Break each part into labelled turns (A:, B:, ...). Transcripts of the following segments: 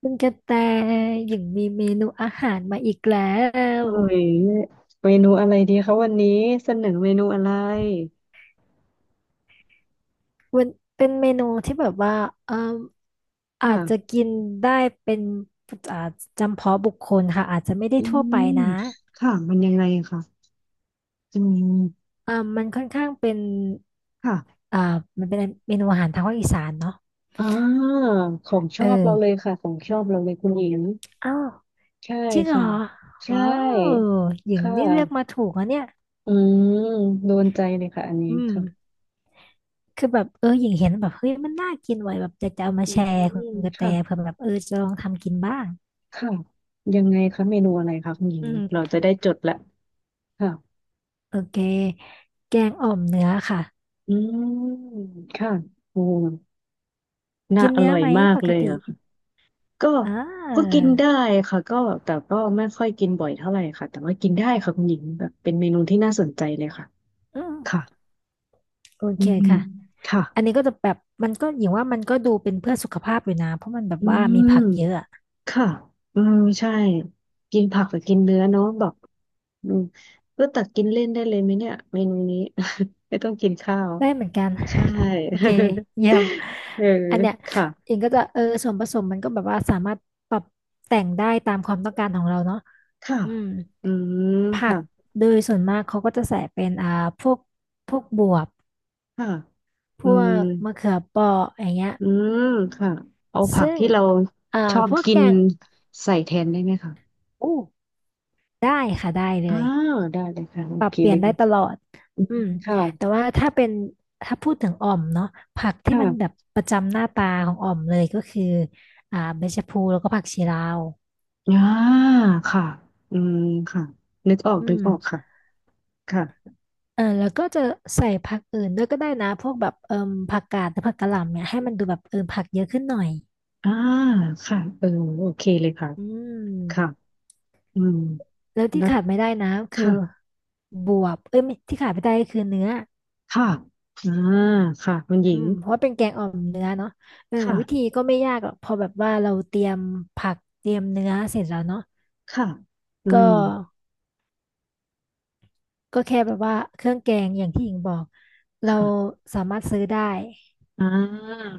A: คุณกระแตอย่างมีเมนูอาหารมาอีกแล้ว
B: เอ้ยเมนูอะไรดีคะวันนี้เสนอเมนูอะไร
A: มันเป็นเมนูที่แบบว่าเอ่ออาจจะ
B: ค่ะ
A: กินได้เป็นอาจำเพาะบุคคลค่ะอาจจะไม่ได้
B: อื
A: ทั่วไป
B: ม
A: นะ
B: ค่ะมันยังไงคะอืม
A: มันค่อนข้างเป็น
B: ค่ะ
A: อ่ามันเป็นเมนูอาหารทางภาคอีสานเนาะ
B: อ่าของช
A: เอ
B: อ
A: อ
B: บเราเลยค่ะของชอบเราเลยคุณหญิง
A: อ้าว
B: ใช่
A: จริงเหรอ
B: ค่ะใช
A: ว้าว
B: ่
A: หญิง
B: ค่
A: นี่เลือกมา
B: ะ
A: ถูกอะเนี่ย
B: อืมโดนใจเลยค่ะอันนี้
A: อืม
B: ค่ะ
A: คือแบบเออหญิงเห็นแบบเฮ้ยมันน่ากินไว้แบบจะเอามา
B: อื
A: แชร์คุณ
B: ม
A: กระแต
B: ค่ะ
A: เผื่อแบบเออจะลองทำกินบ้าง
B: ค่ะยังไงคะเมนูอะไรคะคุณหญิ
A: อื
B: ง
A: ม
B: เราจะได้จดละค่ะ
A: โอเคแกงอ่อมเนื้อค่ะ
B: อืมค่ะโอ้น่า
A: กิน
B: อ
A: เนื้อ
B: ร่อย
A: ไหม
B: มาก
A: ปก
B: เลย
A: ติ
B: อะ ก็
A: อ่
B: ก็กิ
A: า
B: นได้ค่ะก็แต่ก็ไม่ค่อยกินบ่อยเท่าไหร่ค่ะแต่ว่ากินได้ค่ะคุณหญิงแบบเป็นเมนูที่น่าสนใจเลยค่ะ
A: อืม
B: ค่ะ
A: โอ
B: อื
A: เค
B: มอืม
A: ค่ะ
B: ค่ะ
A: อันนี้ก็จะแบบมันก็อย่างว่ามันก็ดูเป็นเพื่อสุขภาพอยู่นะเพราะมันแบบ
B: อื
A: ว่ามี
B: ม
A: ผักเยอะอะ
B: ค่ะอืมใช่กินผักกับกินเนื้อเนาะแบบอืมก็ตักกินเล่นได้เลยไหมเนี่ยเมนูนี้ ไม่ต้องกินข้าว
A: ได้เหมือนกัน
B: ใช่
A: โอเคเยี่ยม
B: เออ
A: อันเนี้ย
B: ค่ะ
A: อิงก็จะเออส่วนผสมมันก็แบบว่าสามารถปรับแต่งได้ตามความต้องการของเราเนาะ
B: ค่ะ
A: อืม
B: อืม
A: ผัก
B: ค่ะ
A: โดยส่วนมากเขาก็จะใส่เป็นพวกพวกบวบ
B: ค่ะ
A: พ
B: อื
A: ว
B: ม
A: กมะเขือเปราะอย่างเงี้ย
B: อืมค่ะเอาผัก
A: ซึ่ง
B: ที่เรา
A: อ่า
B: ชอบ
A: พวก
B: กิ
A: แก
B: น
A: ง
B: ใส่แทนได้ไหมคะ
A: อู้ได้ค่ะได้เล
B: อ่า
A: ย
B: ได้เลยค่ะโอ
A: ปรับ
B: เค
A: เปลี่
B: เล
A: ยน
B: ย
A: ได้
B: ค่ะ
A: ตลอด
B: อื
A: อื
B: ม
A: ม
B: ค่ะ
A: แต่ว่าถ้าเป็นถ้าพูดถึงอ่อมเนาะผักที่มันแบ
B: ค่ะ
A: บประจำหน้าตาของอ่อมเลยก็คือใบชะพลูแล้วก็ผักชีลาว
B: อ่าค่ะอืมค่ะนึกออก
A: อื
B: นึก
A: ม
B: ออกค่ะค่ะ
A: เออแล้วก็จะใส่ผักอื่นด้วยก็ได้นะพวกแบบเอ่มผักกาดหรือผักกะหล่ำเนี่ยให้มันดูแบบเออผักเยอะขึ้นหน่อย
B: อ่าค่ะเออโอเคเลยค่ะ
A: อื
B: ค่ะ
A: ม
B: อืม
A: แล้วที่
B: แล้ว
A: ขาดไม่ได้นะคื
B: ค่ะ
A: อบวบเอ้ยไม่ที่ขาดไม่ได้ก็คือเนื้อ
B: ค่ะอ่าค่ะคุณหญิ
A: อื
B: ง
A: มเพราะว่าเป็นแกงอ่อมเนื้อเนาะเออวิธี
B: ค่ะ
A: ก็ไม่ยากหรอกพอแบบว่าเราเตรียมผักเตรียมเนื้อเสร็จแล้วเนาะ
B: ค่ะอื
A: ก็
B: ม
A: ก็แค่แบบว่าเครื่องแกงอย่างที่หญิงบอกเรา
B: ค่ะ
A: สามารถซื้อได้
B: อ่า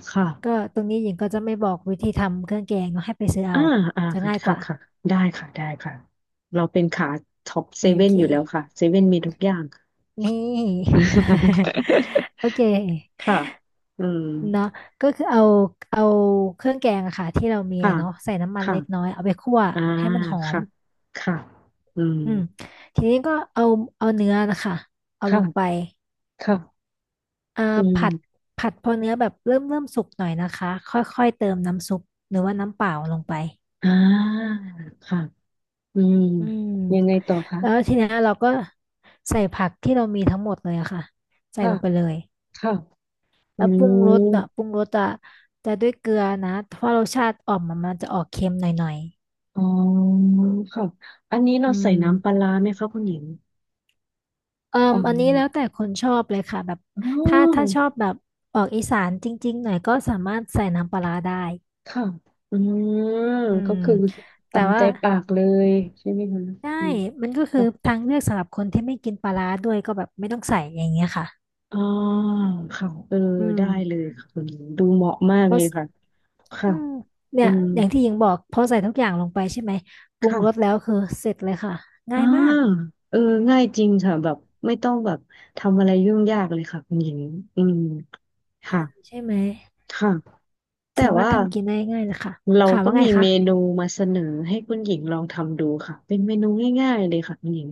B: ค่ะ
A: ก็ตรงนี้หญิงก็จะไม่บอกวิธีทำเครื่องแกงเนาะให้ไปซื้อ
B: อ่า
A: เอา
B: อ่า
A: จะ
B: ค่ะ
A: ง่ายก
B: ค่ะ
A: ว่า
B: ค่ะได้ค่ะได้ค่ะเราเป็นขาท็อปเซ
A: โอ
B: เว่น
A: เค
B: อยู่แล้วค่ะเซเว่นมีทุกอย่าง
A: นี่ โอเ ค
B: ค่ะอืม
A: เนาะก็คือเอาเครื่องแกงอะค่ะที่เรามี
B: ค่ะ
A: เนาะใส่น้ำมัน
B: ค่ะ
A: เล็กน้อยเอาไปคั่ว
B: อ่า
A: ให้มันหอม
B: ค่ะค่ะอืม
A: อืมทีนี้ก็เอาเนื้อนะคะเอาลงไป
B: ค่ะค่ะ
A: อ่า
B: อื
A: ผัด
B: ม
A: ผัดพอเนื้อแบบเริ่มสุกหน่อยนะคะค่อยๆเติมน้ำซุปหรือว่าน้ำเปล่าลงไป
B: อ่าค่ะอืม
A: อืม
B: ยังไงต่อคะ
A: แล้วทีเนี้ยเราก็ใส่ผักที่เรามีทั้งหมดเลยอะค่ะใส่
B: ค่ะ
A: ลงไปเลย
B: ค่ะอื
A: แล้วปรุงรส
B: ม
A: อะปรุงรสอะจะด้วยเกลือนะเพราะรสชาติอ่อมมันจะออกเค็มหน่อย
B: อ๋อค่ะอันนี้
A: ๆ
B: เรา
A: อื
B: ใส่
A: ม
B: น้ำปลาร้าไหมคะคุณหญิง
A: เอ่
B: อ๋อ
A: ออันนี้แล้วแต่คนชอบเลยค่ะแบบ
B: อ๋
A: ถ้าชอบ
B: อ
A: แบบออกอีสานจริงๆหน่อยก็สามารถใส่น้ำปลาร้าได้
B: ค่ะอืม
A: อื
B: ก็
A: ม
B: คือตา
A: แต่
B: มใจ
A: ว่า
B: ปากเลยใช่ไหมคะอื
A: ได้
B: ม
A: มันก็คือ
B: ค่ะ
A: ทางเลือกสำหรับคนที่ไม่กินปลาร้าด้วยก็แบบไม่ต้องใส่อย่างเงี้ยค่ะ
B: อ่าค่ะเออ
A: อืม
B: ได้เลยค่ะคุณดูเหมาะมาก
A: เพ
B: เล
A: ราะ
B: ยค่ะค่ะ
A: อืมเนี่
B: อื
A: ย
B: ม
A: อย่างที่หญิงบอกพอใส่ทุกอย่างลงไปใช่ไหมปรุง
B: ค่ะ
A: รสแล้วคือเสร็จเลยค่ะ
B: อ่า
A: ง่ายมาก
B: เออง่ายจริงค่ะแบบไม่ต้องแบบทำอะไรยุ่งยากเลยค่ะคุณหญิงอืมค่ะ
A: ใช่ไหม
B: ค่ะ แต่
A: สามารถ
B: ว่า
A: ทำกินได้ง่ายเลยค่ะ
B: เรา
A: ค่ะ
B: ก็
A: ว่าไง
B: มีเมนู
A: คะ
B: มาเสนอให้คุณหญิงลองทำดูค่ะเป็นเมนูง่ายๆเลยค่ะคุณหญิง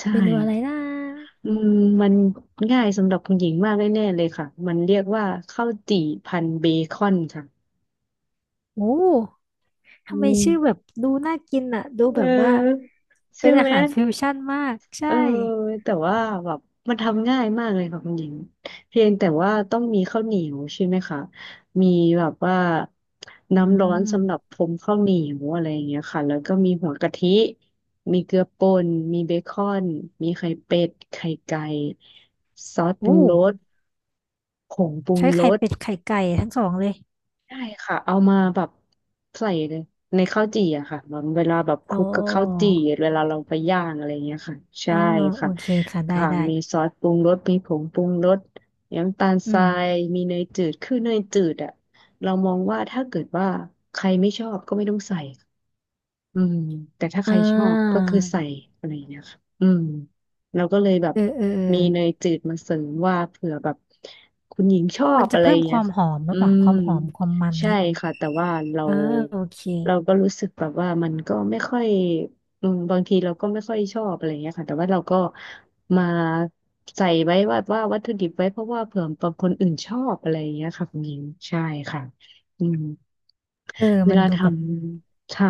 B: ใช่
A: เมนูอะไรนะ
B: อืมมันง่ายสำหรับคุณหญิงมากแน่ๆเลยค่ะมันเรียกว่าข้าวจี่พันเบคอนค่ะ
A: โอ้
B: อื
A: ทำไม
B: ม
A: ชื่อแบบดูน่ากินอ่ะดู
B: เ
A: แบบว่า
B: ออใช่
A: เป็นอา
B: ไหม
A: หารฟิวชั่นมาก
B: เอ
A: ใช่
B: อแต่ว่าแบบมันทำง่ายมากเลยค่ะคุณหญิงเพียงแต่ว่าต้องมีข้าวเหนียวใช่ไหมคะมีแบบว่า
A: อื
B: น้ำร้อนสำหรับ
A: ม
B: พรมข้าวเหนียวอะไรอย่างเงี้ยค่ะแล้วก็มีหัวกะทิมีเกลือป่นมีเบคอนมีไข่เป็ดไข่ไก่ซอสป
A: อู้
B: รุงรสผงปรุง
A: ใช้
B: ร
A: ไข่
B: ส
A: เป็ดไข่ไก่ทั้งสองเลย
B: ใช่ค่ะเอามาแบบใส่ในข้าวจี่อะค่ะมันเวลาแบบคลุ
A: โอ้
B: กกับข้าวจี่เวลาเราไปย่างอะไรเงี้ยค่ะใช่
A: อ๋อโอ
B: ค่ะ
A: เคค่ะได้
B: ค่ะ
A: ได้
B: มีซอสปรุงรสมีผงปรุงรสน้ำตาล
A: อื
B: ทรา
A: ม
B: ยมีเนยจืดคือเนยจืดอะเรามองว่าถ้าเกิดว่าใครไม่ชอบก็ไม่ต้องใส่ อืมแต่ถ้าใค
A: อ่
B: รชอบก็
A: า
B: คือใส่อะไรอย่างเงี้ยค่ะอืมเราก็เลยแบบ
A: เออ
B: มีเนยจืดมาเสริมว่าเผื่อแบบคุณหญิงชอ
A: มั
B: บ
A: นจะ
B: อะไรอ
A: เพิ่ม
B: ย่าง
A: ค
B: เงี้ย
A: วามหอมหรื
B: อื
A: อเปล่า
B: ม
A: ความหอมความมัน
B: ใช่
A: นี้ย
B: ค่ะแต่ว่าเรา
A: อ่าโอเค
B: เราก็รู้สึกแบบว่ามันก็ไม่ค่อยอืมบางทีเราก็ไม่ค่อยชอบอะไรอย่างเงี้ยค่ะแต่ว่าเราก็มาใส่ไว้ว่าวัตถุดิบไว้เพราะว่าเผื่อบางคนอื่นชอบอะไรอย่างเงี้ยค่ะคุณหญิงใช่ค่ะอืม
A: เออ
B: เว
A: มัน
B: ลา
A: ดู
B: ท
A: แบบ
B: ำค่ะ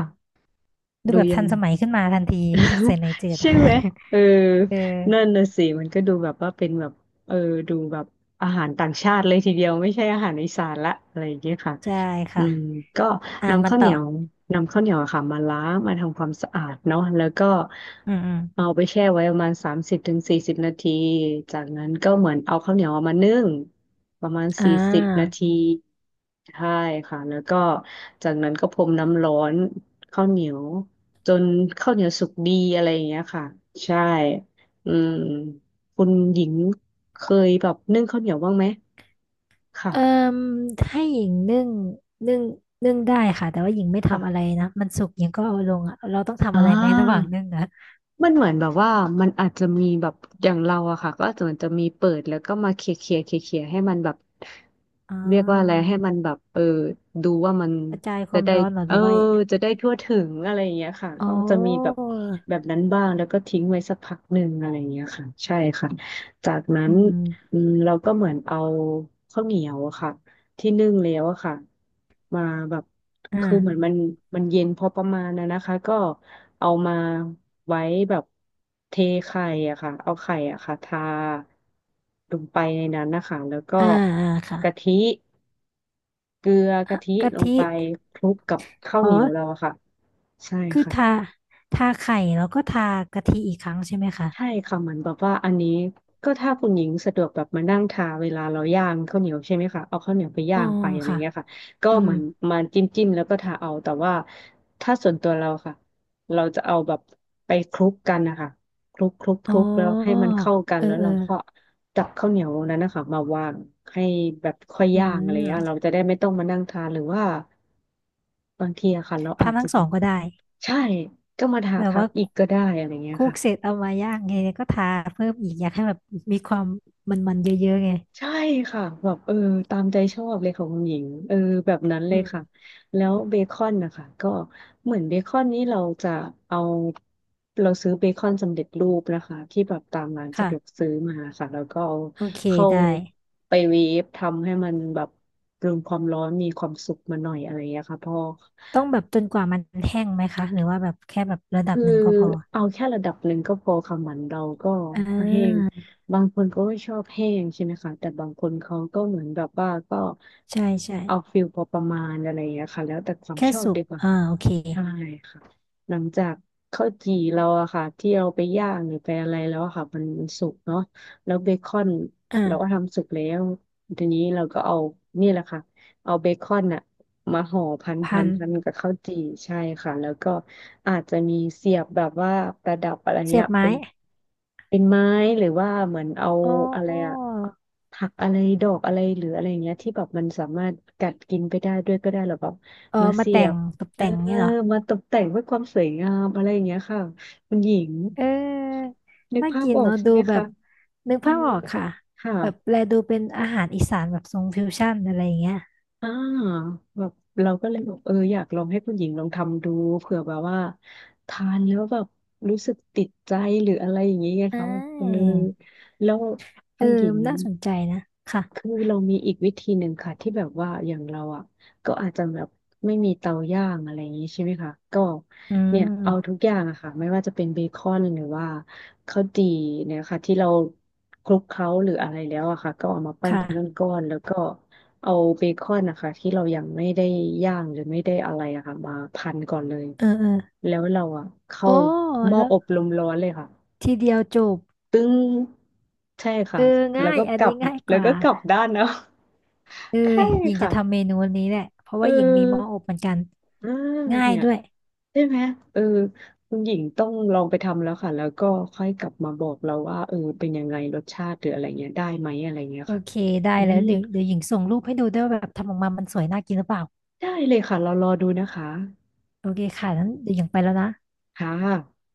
A: ดู
B: ดู
A: แบบ
B: ยั
A: ทั
B: ง
A: นสมัยขึ้นมาทันทีใส่ ในจืด
B: ใช่ไหมเออ
A: เอ
B: นั่น
A: อ
B: น่ะสิมันก็ดูแบบว่าเป็นแบบเออดูแบบอาหารต่างชาติเลยทีเดียวไม่ใช่อาหารอีสานละอะไรอย่างเงี้ยค่ะ
A: ใช่
B: อื
A: ค่ะ
B: มก็
A: อ่ะ
B: นำ
A: มัน
B: ข้าวเห
A: ต่อ
B: นียวนำข้าวเหนียวอะค่ะมาล้างมาทำความสะอาดเนาะแล้วก็
A: อืมอืม
B: เอาไปแช่ไว้ประมาณ30 ถึง 40 นาทีจากนั้นก็เหมือนเอาข้าวเหนียวเอามานึ่งประมาณ
A: อ่
B: สี่สิบนา
A: า
B: ทีใช่ค่ะแล้วก็จากนั้นก็พรมน้ำร้อนข้าวเหนียวจนข้าวเหนียวสุกดีอะไรอย่างเงี้ยค่ะใช่อืมคุณหญิงเคยแบบนึ่งข้าวเหนียวบ้างไหม
A: เอ่
B: ค่ะ
A: มให้หญิงนึ่งนึ่งนึ่งได้ค่ะแต่ว่าหญิงไม่
B: ค่ะ
A: ทำอะไรนะมันสุกหญิงก็เอาลงอ่ะเราต้องทำ
B: อ่
A: อะไรไหมระหว่างนึ่ง
B: า
A: อ่ะ
B: มันเหมือนแบบว่ามันอาจจะมีแบบอย่างเราอะค่ะก็ส่วนจะมีเปิดแล้วก็มาเคลียร์เคลียร์เคลียร์เคลียร์ให้มันแบบ
A: อ่
B: เรียกว่าอะไร
A: า
B: ให้มันแบบเออดูว่ามัน
A: กระจายค
B: จะ
A: วาม
B: ได้
A: ร้อนเหรอ
B: เอ
A: ห
B: อ
A: รือว่า
B: จะได้ทั่วถึงอะไรอย่างเงี้ยค่ะ
A: อ๋อ
B: ก็จะมีแบบแบบนั้นบ้างแล้วก็ทิ้งไว้สักพักหนึ่งอะไรอย่างเงี้ยค่ะใช่ค่ะจากนั้
A: อื
B: น
A: ม
B: อืมเราก็เหมือนเอาข้าวเหนียวอะค่ะที่นึ่งแล้วอะค่ะมาแบบ
A: อื
B: คือเหมือน
A: ม
B: มันเย็นพอประมาณนะคะก็เอามา ไว้แบบเทไข่อะค่ะเอาไข่อะค่ะทาลงไปในนั้นนะคะแล้วก็
A: อ่าอ่าอ่า
B: กะ
A: ค่ะ
B: ทิเกลือ
A: อ่ะ
B: กะทิ
A: กะ
B: ลง
A: ทิ
B: ไปคลุกกับข้าว
A: อ๋อ
B: เหนียวเราอะค่ะใช่
A: คือ
B: ค่ะ
A: ทาทาไข่แล้วก็ทากะทิอีกครั้งใช่ไหม
B: ใช่
A: คะ
B: ค่ะเหมือนแบบว่าอันนี้ก็ถ้าคุณหญิงสะดวกแบบมานั่งทาเวลาเราย่างข้าวเหนียวใช่ไหมคะเอาข้าวเหนียวไป
A: อ๋
B: ย่า
A: อ
B: งไปอะไร
A: ค่ะ
B: เงี้ยค่ะก็
A: อื
B: เห
A: ม
B: มือน
A: อ
B: มาจิ้มจิ้มแล้วก็ทาเอาแต่ว่าถ้าส่วนตัวเราค่ะเราจะเอาแบบไปคลุกกันนะคะคลุกคลุกค
A: มอ๋
B: ลุกแล้วให้
A: อ
B: มันเข้ากัน
A: เออ
B: แล้ว
A: เออ
B: เราก็จับข้าวเหนียวนั้นนะคะมาวางให้แบบค่อย
A: อื
B: ย่างอะไรเงี้ยเรา
A: ม
B: จะได้ไม่ต้องมานั่งทานหรือว่าบางทีอะค่ะเราอาจ
A: ทำ
B: จะ
A: ทั้งส
B: เป็
A: อ
B: น
A: งก็ได้
B: ใช่ก็มาทา
A: แบบ
B: ทั
A: ว่า
B: บอีกก็ได้อะไรเงี้
A: ค
B: ย
A: ลุก
B: ค่ะ
A: เสร็จเอามาย่างไงก็ทาเพิ่มอีกอยากให้แบบมีความมันๆเยอะๆไง
B: ใช่ค่ะแบบเออตามใจชอบเลยของคุณหญิงเออแบบนั้นเล
A: อื
B: ยค่ะ
A: ม
B: แล้วเบคอนนะคะก็เหมือนเบคอนนี้เราจะเอาเราซื้อเบคอนสำเร็จรูปนะคะที่แบบตามร้านสะ
A: ค่ะ
B: ดวกซื้อมาค่ะแล้วก็เอา
A: โอเค
B: เข้า
A: ได้
B: ไปเวฟทำให้มันแบบปรุงความร้อนมีความสุกมาหน่อยอะไรอย่างเงี้ยค่ะพอ
A: ต้องแบบจนกว่ามันแห้งไหมคะหรือว่าแบบแค่แบบระดับ
B: คือ
A: หนึ่งก็พอ
B: เอาแค่ระดับหนึ่งก็พอค่ะเหมือนเราก็
A: อ่
B: แห้ง
A: า
B: บางคนก็ไม่ชอบแห้งใช่ไหมคะแต่บางคนเขาก็เหมือนแบบว่าก็
A: ใช่ใช่
B: เอาฟิลพอประมาณอะไรอย่างเงี้ยค่ะแล้วแต่ความ
A: แค่
B: ชอบ
A: สุก
B: ดีกว่า
A: อ่า
B: ค่ะ
A: โอเค
B: ใช่ค่ะหลังจากข้าวจี่เราอะค่ะที่เราไปย่างหรือไปอะไรแล้วอะค่ะมันสุกเนาะแล้วเบคอนเราก็
A: อ่า
B: ทำสุกแล้วทีนี้เราก็เอานี่แหละค่ะ เอาเบคอนอะมาห่อพัน
A: พั
B: พัน
A: น
B: พันกับข้าวจี่ใช่ค่ะแล้วก็อาจจะมีเสียบแบบว่าประดับอะไร
A: เสี
B: เงี้
A: ย
B: ย
A: บไม้
B: เป็นไม้หรือว่าเหมือนเอา
A: อ๋อ
B: อะไรอะผักอะไรดอกอะไรหรืออะไรเงี้ยที่แบบมันสามารถกัดกินไปได้ด้วยก็ได้หรอแบบ
A: เออ
B: มา
A: มา
B: เสี
A: แต่
B: ย
A: ง
B: บ
A: ตก
B: เออ
A: แต่งนี่เหรอ
B: มาตกแต่งเพื่อความสวยงามอะไรอย่างเงี้ยค่ะคุณหญิง
A: เออ
B: นึก
A: น่า
B: ภาพ
A: กิน
B: ออก
A: เนาะ
B: ใช่
A: ดู
B: ไหม
A: แบ
B: คะ
A: บนึก
B: อื
A: ภาพ
B: ม
A: ออกค่ะ
B: ค่ะ
A: แบบแลดูเป็นอาหารอีสานแบบทรงฟิวชั่นอะไรอย่างเงี้ย
B: อ่าแบบเราก็เลยแบบเอออยากลองให้คุณหญิงลองทำดูเผื่อแบบว่าทานแล้วแบบรู้สึกติดใจหรืออะไรอย่างนี้ไง
A: อ่
B: เขาเออ
A: า
B: แล้ว
A: เอ
B: คุ
A: อ
B: ณหญิง
A: น่าสนใจนะค่ะ
B: คือเรามีอีกวิธีหนึ่งค่ะที่แบบว่าอย่างเราอ่ะก็อาจจะแบบไม่มีเตาย่างอะไรอย่างนี้ใช่ไหมคะก็
A: อื
B: เนี่ยเอาทุ
A: ม
B: กอย่างอะค่ะไม่ว่าจะเป็นเบคอนหรือว่าข้าวจี่เนี่ยค่ะที่เราคลุกเคล้าหรืออะไรแล้วอะค่ะก็เอามาปั้นเป็น
A: ค่ะ
B: ก้อนๆแล้วก็ เอาเบคอนนะคะที่เรายังไม่ได้ย่างหรือไม่ได้อะไรอะค่ะมาพันก่อนเลย
A: เออเออ
B: แล้วเราอะเข้า
A: โอ้
B: หม้อ
A: แล้ว
B: อบลมร้อนเลยค่ะ
A: ทีเดียวจบ
B: ตึ้งใช่
A: เอ
B: ค่ะ
A: อ
B: แล้
A: ง่า
B: ว
A: ย
B: ก็
A: อัน
B: กลั
A: นี้
B: บ
A: ง่ายก
B: แล้ว
A: ว่า
B: ก็กลับด้านเนาะ
A: เออ
B: ใช่
A: หญิงจะ
B: ค่ะ
A: ทำเมนูนี้แหละเพราะ
B: เอ
A: ว่าหญิงมีหม้อ
B: อ
A: อบเหมือนกัน
B: อ่า
A: ง่าย
B: เนี่ย
A: ด้วย
B: ใช่ไหมเออคุณหญิงต้องลองไปทำแล้วค่ะแล้วก็ค่อยกลับมาบอกเราว่าเออเป็นยังไงรสชาติหรืออะไรเงี้ยได้ไหมอะไรเงี้ย
A: โอ
B: ค่ะ
A: เคได้
B: อื
A: แล้ว
B: ม
A: เดี๋ยวหญิงส่งรูปให้ดูด้วยว่าแบบทำออกมามันสวยน่ากินหรือเปล่า
B: ได้เลยค่ะเรารอดูนะคะ
A: โอเคค่ะนั้นเดี๋ยวหญิงไปแล้วนะ
B: ค่ะ